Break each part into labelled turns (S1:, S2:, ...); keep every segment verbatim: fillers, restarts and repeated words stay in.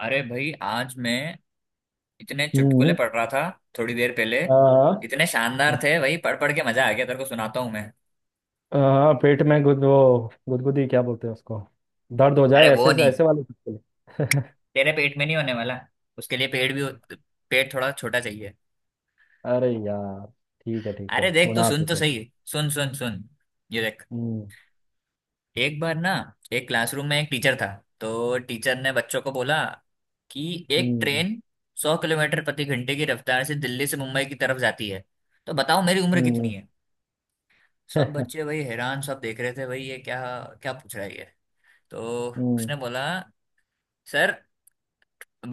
S1: अरे भाई, आज मैं इतने चुटकुले
S2: हम्म।
S1: पढ़ रहा था थोड़ी देर पहले।
S2: हाँ।
S1: इतने शानदार थे भाई, पढ़ पढ़ के मजा आ गया। तेरे को सुनाता हूँ मैं।
S2: हाँ, पेट में गुद वो गुदगुदी क्या बोलते हैं उसको, दर्द हो
S1: अरे
S2: जाए
S1: वो
S2: ऐसे
S1: नहीं,
S2: ऐसे वाले चुटकुले।
S1: तेरे पेट में नहीं होने वाला। उसके लिए पेट भी, पेट थोड़ा छोटा चाहिए।
S2: अरे यार। ठीक है ठीक
S1: अरे
S2: है,
S1: देख, तू
S2: सुना
S1: सुन
S2: तू
S1: तो
S2: तो।
S1: सही। सुन सुन सुन, ये देख।
S2: हम्म।
S1: एक बार ना, एक क्लासरूम में एक टीचर था। तो टीचर ने बच्चों को बोला कि एक
S2: हम्म।
S1: ट्रेन सौ किलोमीटर प्रति घंटे की रफ्तार से दिल्ली से मुंबई की तरफ जाती है, तो बताओ मेरी उम्र कितनी
S2: हम्म।
S1: है। सब बच्चे वही हैरान, सब देख रहे थे भाई ये क्या, क्या पूछ रहा है ये। तो
S2: हम्म।
S1: उसने बोला, सर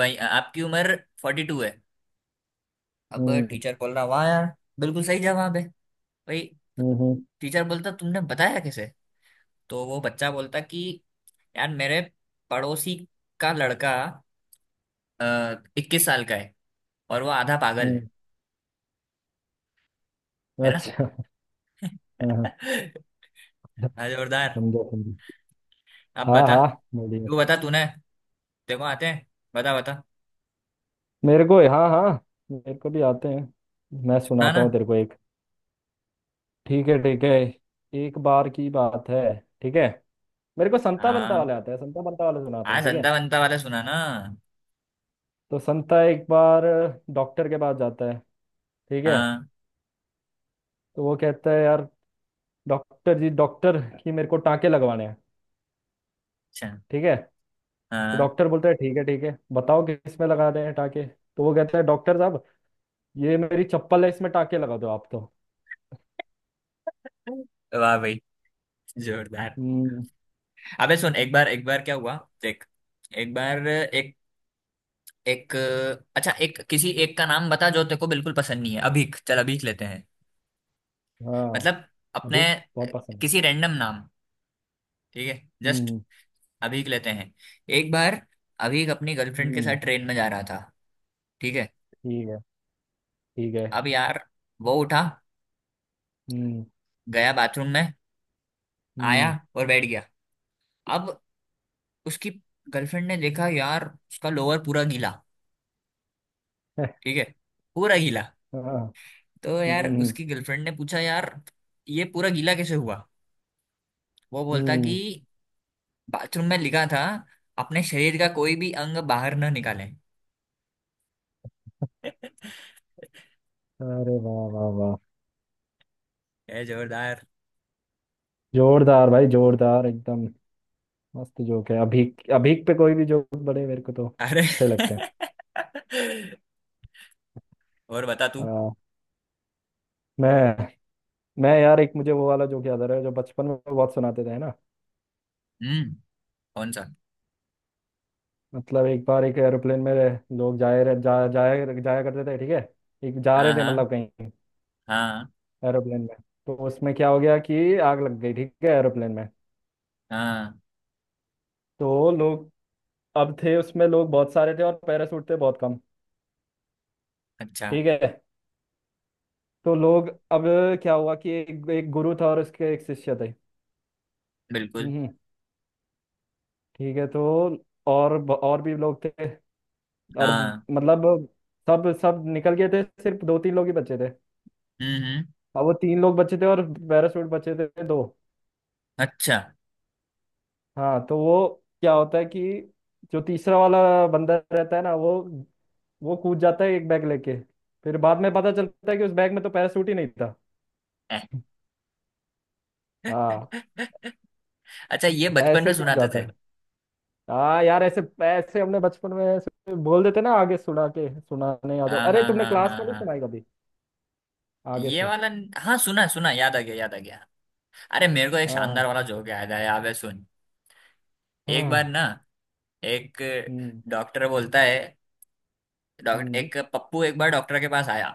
S1: भाई आपकी उम्र फोर्टी टू है। अब
S2: हम्म।
S1: टीचर बोल रहा, वाह यार, बिल्कुल सही जवाब है भाई।
S2: हम्म।
S1: टीचर बोलता, तुमने बताया कैसे। तो वो बच्चा बोलता कि यार मेरे पड़ोसी का लड़का इक्कीस साल का है और वो आधा पागल है
S2: हम्म,
S1: है ना।
S2: अच्छा। हाँ,
S1: हाँ, जोरदार।
S2: समझो समझो।
S1: अब
S2: हाँ
S1: बता
S2: हाँ, बोलिए।
S1: तू, बता। तूने देखो आते हैं, बता बता।
S2: मेरे को हाँ हाँ, मेरे को भी आते हैं। मैं
S1: सुना
S2: सुनाता हूँ
S1: ना।
S2: तेरे को एक। ठीक है ठीक है। एक बार की बात है। ठीक है। मेरे को संता बंता
S1: हाँ
S2: वाले आता है, संता बंता वाले सुनाता
S1: हाँ,
S2: हूँ, ठीक है।
S1: संता बनता वाला सुना ना।
S2: तो संता एक बार डॉक्टर के पास जाता है, ठीक है।
S1: हाँ,
S2: तो वो कहता है, यार डॉक्टर जी डॉक्टर कि मेरे को टाँके लगवाने हैं।
S1: अच्छा,
S2: ठीक है, तो
S1: हाँ।
S2: डॉक्टर बोलता है ठीक है ठीक है, बताओ किस में लगा दें टाँके। तो वो कहता है डॉक्टर साहब, ये मेरी चप्पल है, इसमें टाँके लगा दो आप तो।
S1: वाह भाई, जोरदार।
S2: हम्म।
S1: अबे सुन, एक बार एक बार क्या हुआ, देख। एक बार एक एक, अच्छा, एक किसी एक का नाम बता जो तेरे को बिल्कुल पसंद नहीं है। अभीक चल, अभीक लेते हैं।
S2: हाँ,
S1: मतलब अपने
S2: अभी बहुत पसंद है।
S1: किसी रैंडम नाम, ठीक है, जस्ट
S2: हम्म
S1: अभीक लेते हैं। एक बार अभीक अपनी गर्लफ्रेंड के साथ
S2: हम्म।
S1: ट्रेन में जा रहा था, ठीक है।
S2: ठीक है ठीक है।
S1: अब यार, वो उठा,
S2: हम्म
S1: गया बाथरूम में, आया
S2: हम्म।
S1: और बैठ गया। अब उसकी गर्लफ्रेंड ने देखा यार, उसका लोअर पूरा गीला, ठीक है, पूरा गीला।
S2: हाँ।
S1: तो यार
S2: हम्म
S1: उसकी गर्लफ्रेंड ने पूछा, यार ये पूरा गीला कैसे हुआ। वो बोलता कि
S2: हम्म।
S1: बाथरूम में लिखा था, अपने शरीर का कोई भी अंग बाहर न निकालें।
S2: अरे वाह वाह वाह।
S1: ये जोरदार।
S2: जोरदार भाई, जोरदार एकदम। मस्त जोक है, अभीक अभीक पे कोई भी जोक बड़े मेरे को तो
S1: अरे
S2: अच्छे लगते हैं।
S1: और बता तू।
S2: आ, मैं मैं यार, एक मुझे वो वाला जोक याद आ रहा है जो बचपन में बहुत सुनाते थे, है ना।
S1: हम्म, कौन सा।
S2: मतलब एक बार एक एरोप्लेन में लोग जाए रहे- जा जाया जाया करते थे, ठीक है। एक जा
S1: हाँ
S2: रहे थे
S1: हाँ
S2: मतलब कहीं,
S1: हाँ
S2: एरोप्लेन में। तो उसमें क्या हो गया कि आग लग गई, ठीक है, एरोप्लेन में।
S1: हाँ,
S2: तो लोग अब थे उसमें, लोग बहुत सारे थे और पैराशूट थे बहुत कम।
S1: अच्छा,
S2: ठीक है। तो लोग अब क्या हुआ कि एक, एक गुरु था और उसके एक शिष्य थे।
S1: बिल्कुल,
S2: हम्म हम्म, ठीक है। तो और ब- और भी लोग थे। और ब-
S1: हाँ,
S2: मतलब सब सब निकल गए थे, सिर्फ दो तीन लोग ही बचे थे।
S1: हम्म हम्म,
S2: अब वो तीन लोग बचे थे और पैराशूट बचे थे दो।
S1: अच्छा
S2: हाँ, तो वो क्या होता है कि जो तीसरा वाला बंदा रहता है ना, वो वो कूद जाता है एक बैग लेके। फिर बाद में पता चलता है कि उस बैग में तो पैराशूट ही नहीं था। हाँ।
S1: अच्छा, ये बचपन में
S2: ऐसे क्यों
S1: सुनाते
S2: जाता
S1: थे।
S2: है। हाँ यार, ऐसे ऐसे हमने बचपन में ऐसे बोल देते ना, आगे सुना के सुनाने आ जाओ,
S1: हाँ
S2: अरे
S1: हाँ
S2: तुमने
S1: हाँ
S2: क्लास
S1: हाँ
S2: में नहीं
S1: हाँ,
S2: सुनाई कभी। आगे
S1: ये
S2: से।
S1: वाला, हाँ सुना है, सुना है, याद आ गया याद आ गया। अरे मेरे को एक
S2: हाँ हाँ
S1: शानदार वाला जोक याद आया, अबे सुन। एक बार
S2: हाँ।
S1: ना, एक
S2: हम्म।
S1: डॉक्टर बोलता है, डॉक्टर,
S2: हम्म।
S1: एक पप्पू एक बार डॉक्टर के पास आया।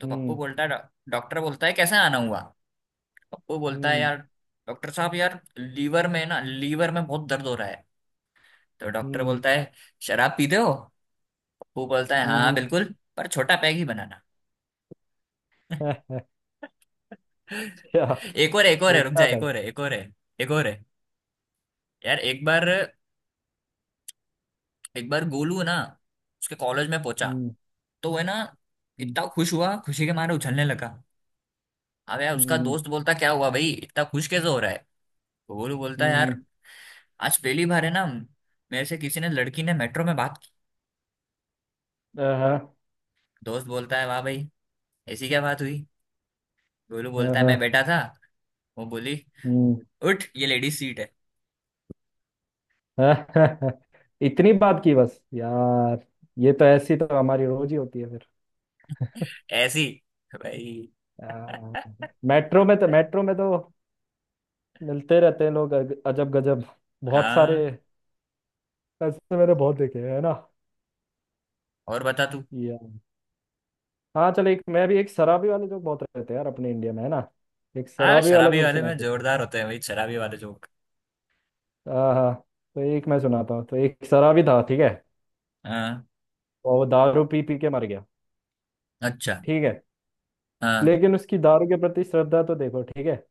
S1: तो पप्पू
S2: हम्म।
S1: बोलता है, डॉ- डॉक्टर बोलता है कैसे आना हुआ। पप्पू बोलता है,
S2: हम्म।
S1: यार डॉक्टर साहब, यार लीवर में ना, लीवर में बहुत दर्द हो रहा है। तो डॉक्टर
S2: हम्म।
S1: बोलता है शराब पीते हो। पप्पू बोलता है हाँ
S2: हम्म।
S1: बिल्कुल, पर छोटा पैग ही बनाना।
S2: अच्छा,
S1: एक और, एक और है, रुक जा,
S2: छोटा था।
S1: एक और है, एक और है। एक और है यार। एक बार एक बार गोलू है ना, उसके कॉलेज में पहुंचा।
S2: हम्म।
S1: तो वह ना
S2: हम्म।
S1: इतना खुश हुआ, खुशी के मारे उछलने लगा। अब यार उसका
S2: हम्म।
S1: दोस्त बोलता, क्या हुआ भाई, इतना खुश कैसे हो रहा है। तो गोलू बोलता यार,
S2: हम्म।
S1: आज पहली बार है ना मेरे से किसी ने, लड़की ने मेट्रो में बात की।
S2: आहा।
S1: दोस्त बोलता है, वाह भाई, ऐसी क्या बात हुई। गोलू बोलता है,
S2: आहा।
S1: मैं बैठा था, वो बोली,
S2: हम्म।
S1: उठ ये लेडीज सीट है।
S2: इतनी बात की बस यार। ये तो ऐसी तो हमारी रोज ही होती है फिर।
S1: ऐसी, भाई।
S2: आह। मेट्रो में तो, मेट्रो में तो मिलते रहते हैं लोग अज- अजब गजब, बहुत सारे।
S1: हाँ,
S2: ऐसे मैंने बहुत देखे हैं, है
S1: और बता तू।
S2: ना। हाँ चल, एक मैं भी, एक शराबी वाले जोक बहुत रहते हैं यार अपने इंडिया में, है ना। एक
S1: हाँ,
S2: शराबी वाला
S1: शराबी
S2: जोक
S1: वाले
S2: सुना
S1: में
S2: देता हूँ।
S1: जोरदार होते हैं भाई, शराबी वाले जोक।
S2: हाँ हाँ। तो एक मैं सुनाता हूँ, तो एक शराबी था, ठीक है।
S1: हाँ,
S2: और वो दारू पी पी के मर गया।
S1: अच्छा,
S2: ठीक है।
S1: हाँ,
S2: लेकिन उसकी दारू के प्रति श्रद्धा तो देखो, ठीक है।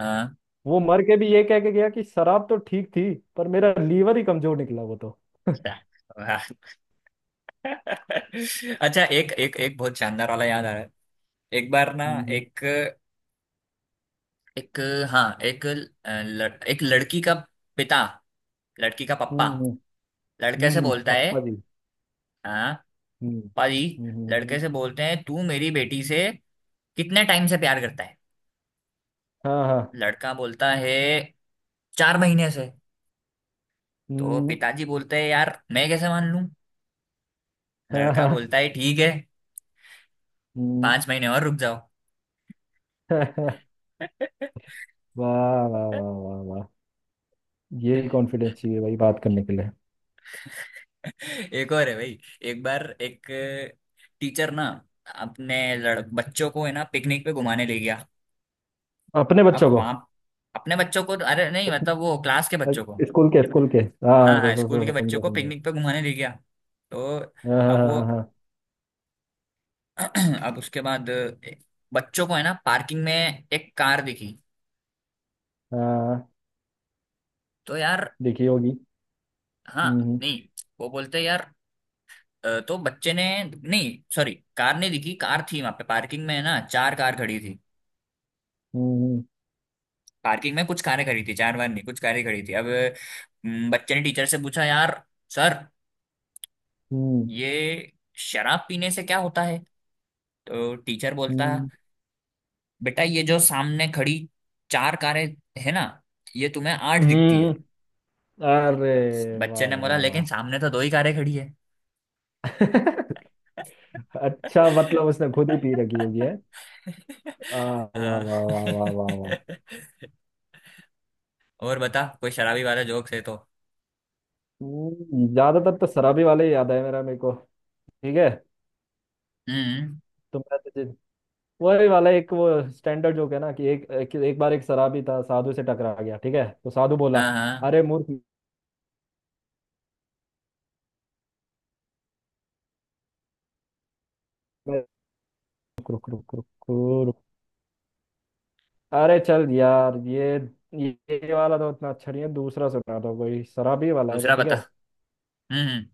S1: हाँ,
S2: वो मर के भी ये कह के गया कि शराब तो ठीक थी, पर मेरा लीवर ही कमजोर निकला वो तो।
S1: हाँ। अच्छा, एक एक एक बहुत शानदार वाला याद आ रहा है। एक बार ना,
S2: हम्म।
S1: एक एक, हाँ, एक ल, एक लड़की का पिता, लड़की का पप्पा
S2: हम्म।
S1: लड़के
S2: हम्म।
S1: से
S2: हम्म,
S1: बोलता है,
S2: पप्पा जी।
S1: हाँ,
S2: हम्म।
S1: पप्पा जी,
S2: हम्म।
S1: लड़के
S2: हम्म,
S1: से बोलते हैं, तू मेरी बेटी से कितने टाइम से प्यार करता है।
S2: हाँ हाँ।
S1: लड़का बोलता है, चार महीने से। तो
S2: हम्म।
S1: पिताजी बोलते हैं यार मैं कैसे मान लूं।
S2: हाँ
S1: लड़का
S2: हाँ।
S1: बोलता है, ठीक है,
S2: हम्म।
S1: पांच महीने और रुक जाओ।
S2: वाह वाह वाह वाह वाह। यही कॉन्फिडेंस चाहिए भाई, बात करने के लिए।
S1: एक और है भाई। एक बार एक टीचर ना, अपने लड़ बच्चों को है ना पिकनिक पे घुमाने ले गया।
S2: अपने
S1: अब
S2: बच्चों को।
S1: वहां, अपने बच्चों को, अरे नहीं मतलब वो क्लास के बच्चों को,
S2: स्कूल के स्कूल के।
S1: हाँ
S2: हाँ तो,
S1: हाँ
S2: तो,
S1: स्कूल के
S2: तो,
S1: बच्चों
S2: समझा
S1: को
S2: समझा।
S1: पिकनिक पे घुमाने ले गया। तो
S2: हाँ
S1: अब
S2: हाँ
S1: वो
S2: हाँ हाँ
S1: अब उसके बाद बच्चों को है ना पार्किंग में एक कार दिखी,
S2: हाँ, हाँ,
S1: तो यार,
S2: देखी होगी।
S1: हाँ
S2: हम्म।
S1: नहीं, वो बोलते यार, अ, तो बच्चे ने, नहीं सॉरी, कार नहीं दिखी, कार थी वहां पे पार्किंग में है ना, चार कार खड़ी थी,
S2: हम्म।
S1: पार्किंग में कुछ कारें खड़ी थी, चार बार नहीं, कुछ कारें खड़ी थी। अब हम्म, बच्चे ने टीचर से पूछा, यार सर
S2: हम्म।
S1: ये शराब पीने से क्या होता है। तो टीचर बोलता है,
S2: हम्म।
S1: बेटा, ये जो सामने खड़ी चार कारें है ना, ये तुम्हें आठ दिखती
S2: हम्म।
S1: है।
S2: हम्म। अरे
S1: बच- बच्चे
S2: वाह
S1: ने बोला
S2: वाह वाह।
S1: लेकिन सामने तो दो ही कारें खड़ी है।
S2: अच्छा, मतलब उसने खुद ही पी रखी होगी है। आ, वाह
S1: हाँ,
S2: वाह वाह वाह वाह वाह।
S1: और बता कोई शराबी वाला जोक्स है तो।
S2: हम्म, ज्यादातर तो शराबी वाले ही याद है मेरा मेरे को। ठीक है।
S1: हम्म,
S2: तो मैं तुझे वही वाला एक वो स्टैंडर्ड जोक है ना कि एक एक, एक बार एक शराबी था, साधु से टकरा गया, ठीक है, तो साधु बोला,
S1: हाँ हाँ,
S2: अरे मूर्ख मैं- रुक रुक रुक रुक रुक। अरे चल यार, ये ये ये वाला तो उतना अच्छा नहीं है, दूसरा सुना दो कोई शराबी वाला है
S1: दूसरा
S2: बट, ठीक
S1: बता।
S2: है।
S1: हम्म,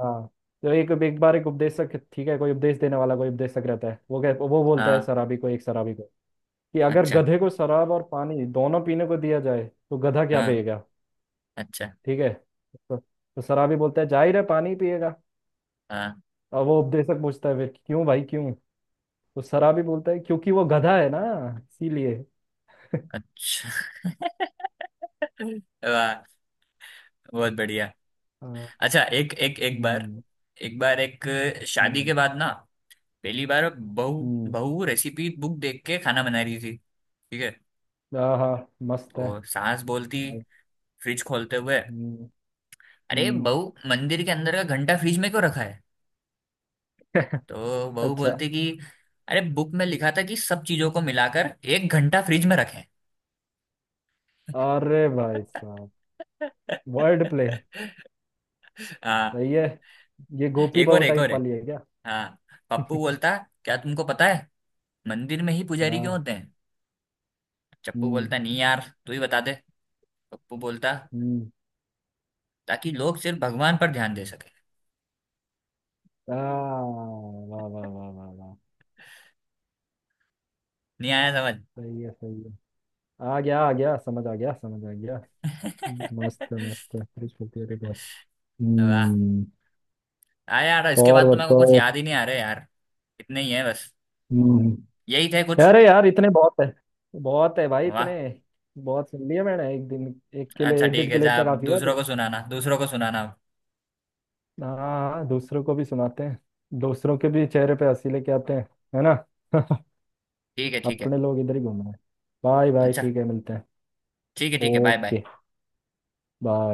S2: हाँ। तो एक एक बार एक उपदेशक, ठीक है, कोई उपदेश देने वाला कोई उपदेशक रहता है, वो कह वो बोलता है
S1: हाँ,
S2: शराबी को, एक शराबी को, कि अगर
S1: अच्छा,
S2: गधे को शराब और पानी दोनों पीने को दिया जाए तो गधा क्या
S1: हाँ,
S2: पिएगा।
S1: अच्छा,
S2: ठीक है। तो, तो शराबी बोलता है जाहिर है पानी पिएगा।
S1: हाँ,
S2: और वो उपदेशक पूछता है फिर क्यों भाई क्यों। तो सरा भी बोलता है क्योंकि वो गधा है ना, इसीलिए।
S1: अच्छा। वाह, बहुत बढ़िया।
S2: हाँ।
S1: अच्छा, एक एक एक बार,
S2: हम्म।
S1: एक बार एक शादी
S2: हम्म।
S1: के बाद ना पहली बार बहू,
S2: हम्म,
S1: बहू रेसिपी बुक देख के खाना बना रही थी, ठीक है।
S2: आहा, मस्त है।
S1: तो सास बोलती, फ्रिज खोलते हुए,
S2: हम्म।
S1: अरे
S2: हम्म,
S1: बहू मंदिर के अंदर का घंटा फ्रिज में क्यों रखा है। तो बहू
S2: अच्छा।
S1: बोलती कि अरे बुक में लिखा था कि सब चीजों को मिलाकर एक घंटा फ्रिज में रखें।
S2: अरे भाई साहब। Word play.
S1: हाँ,
S2: सही है। ये गोपी
S1: एक
S2: बहू
S1: और, एक और
S2: टाइप
S1: है।
S2: वाली है क्या।
S1: हाँ, पप्पू बोलता, क्या तुमको पता है मंदिर में ही पुजारी क्यों
S2: हाँ।
S1: होते हैं। चप्पू
S2: हम्म।
S1: बोलता, नहीं यार तू ही बता दे। पप्पू बोलता,
S2: हम्म।
S1: ताकि लोग सिर्फ भगवान पर ध्यान दे सके।
S2: आ वाह वाह वाह वाह वाह।
S1: नहीं आया समझ।
S2: सही है सही है। आ गया आ गया, समझ आ गया, समझ आ गया। हम्म, मस्त है, मस्त है। Rich होती है, देखो।
S1: वाह।
S2: हम्म।
S1: हाँ यार, इसके
S2: और
S1: बाद तो मेरे को कुछ
S2: बताओ।
S1: याद ही नहीं आ रहे यार, इतने ही है बस,
S2: हम्म।
S1: यही थे कुछ।
S2: अरे यार, इतने बहुत है। बहुत है भाई, इतने।
S1: वाह,
S2: बहुत सुन लिए मैंने एक दिन। एक के लिए
S1: अच्छा,
S2: एक
S1: ठीक
S2: दिन के
S1: है,
S2: लिए
S1: जा
S2: इतना
S1: अब
S2: काफी है
S1: दूसरों
S2: पर।
S1: को सुनाना, दूसरों को सुनाना अब।
S2: हाँ हाँ, दूसरों को भी सुनाते हैं। दूसरों के भी चेहरे पे हंसी लेके आते हैं, है ना।
S1: ठीक है ठीक है,
S2: अपने लोग इधर ही घूम रहे हैं। बाय बाय,
S1: अच्छा,
S2: ठीक है, मिलते हैं।
S1: ठीक है ठीक है, बाय बाय।
S2: ओके। बाय।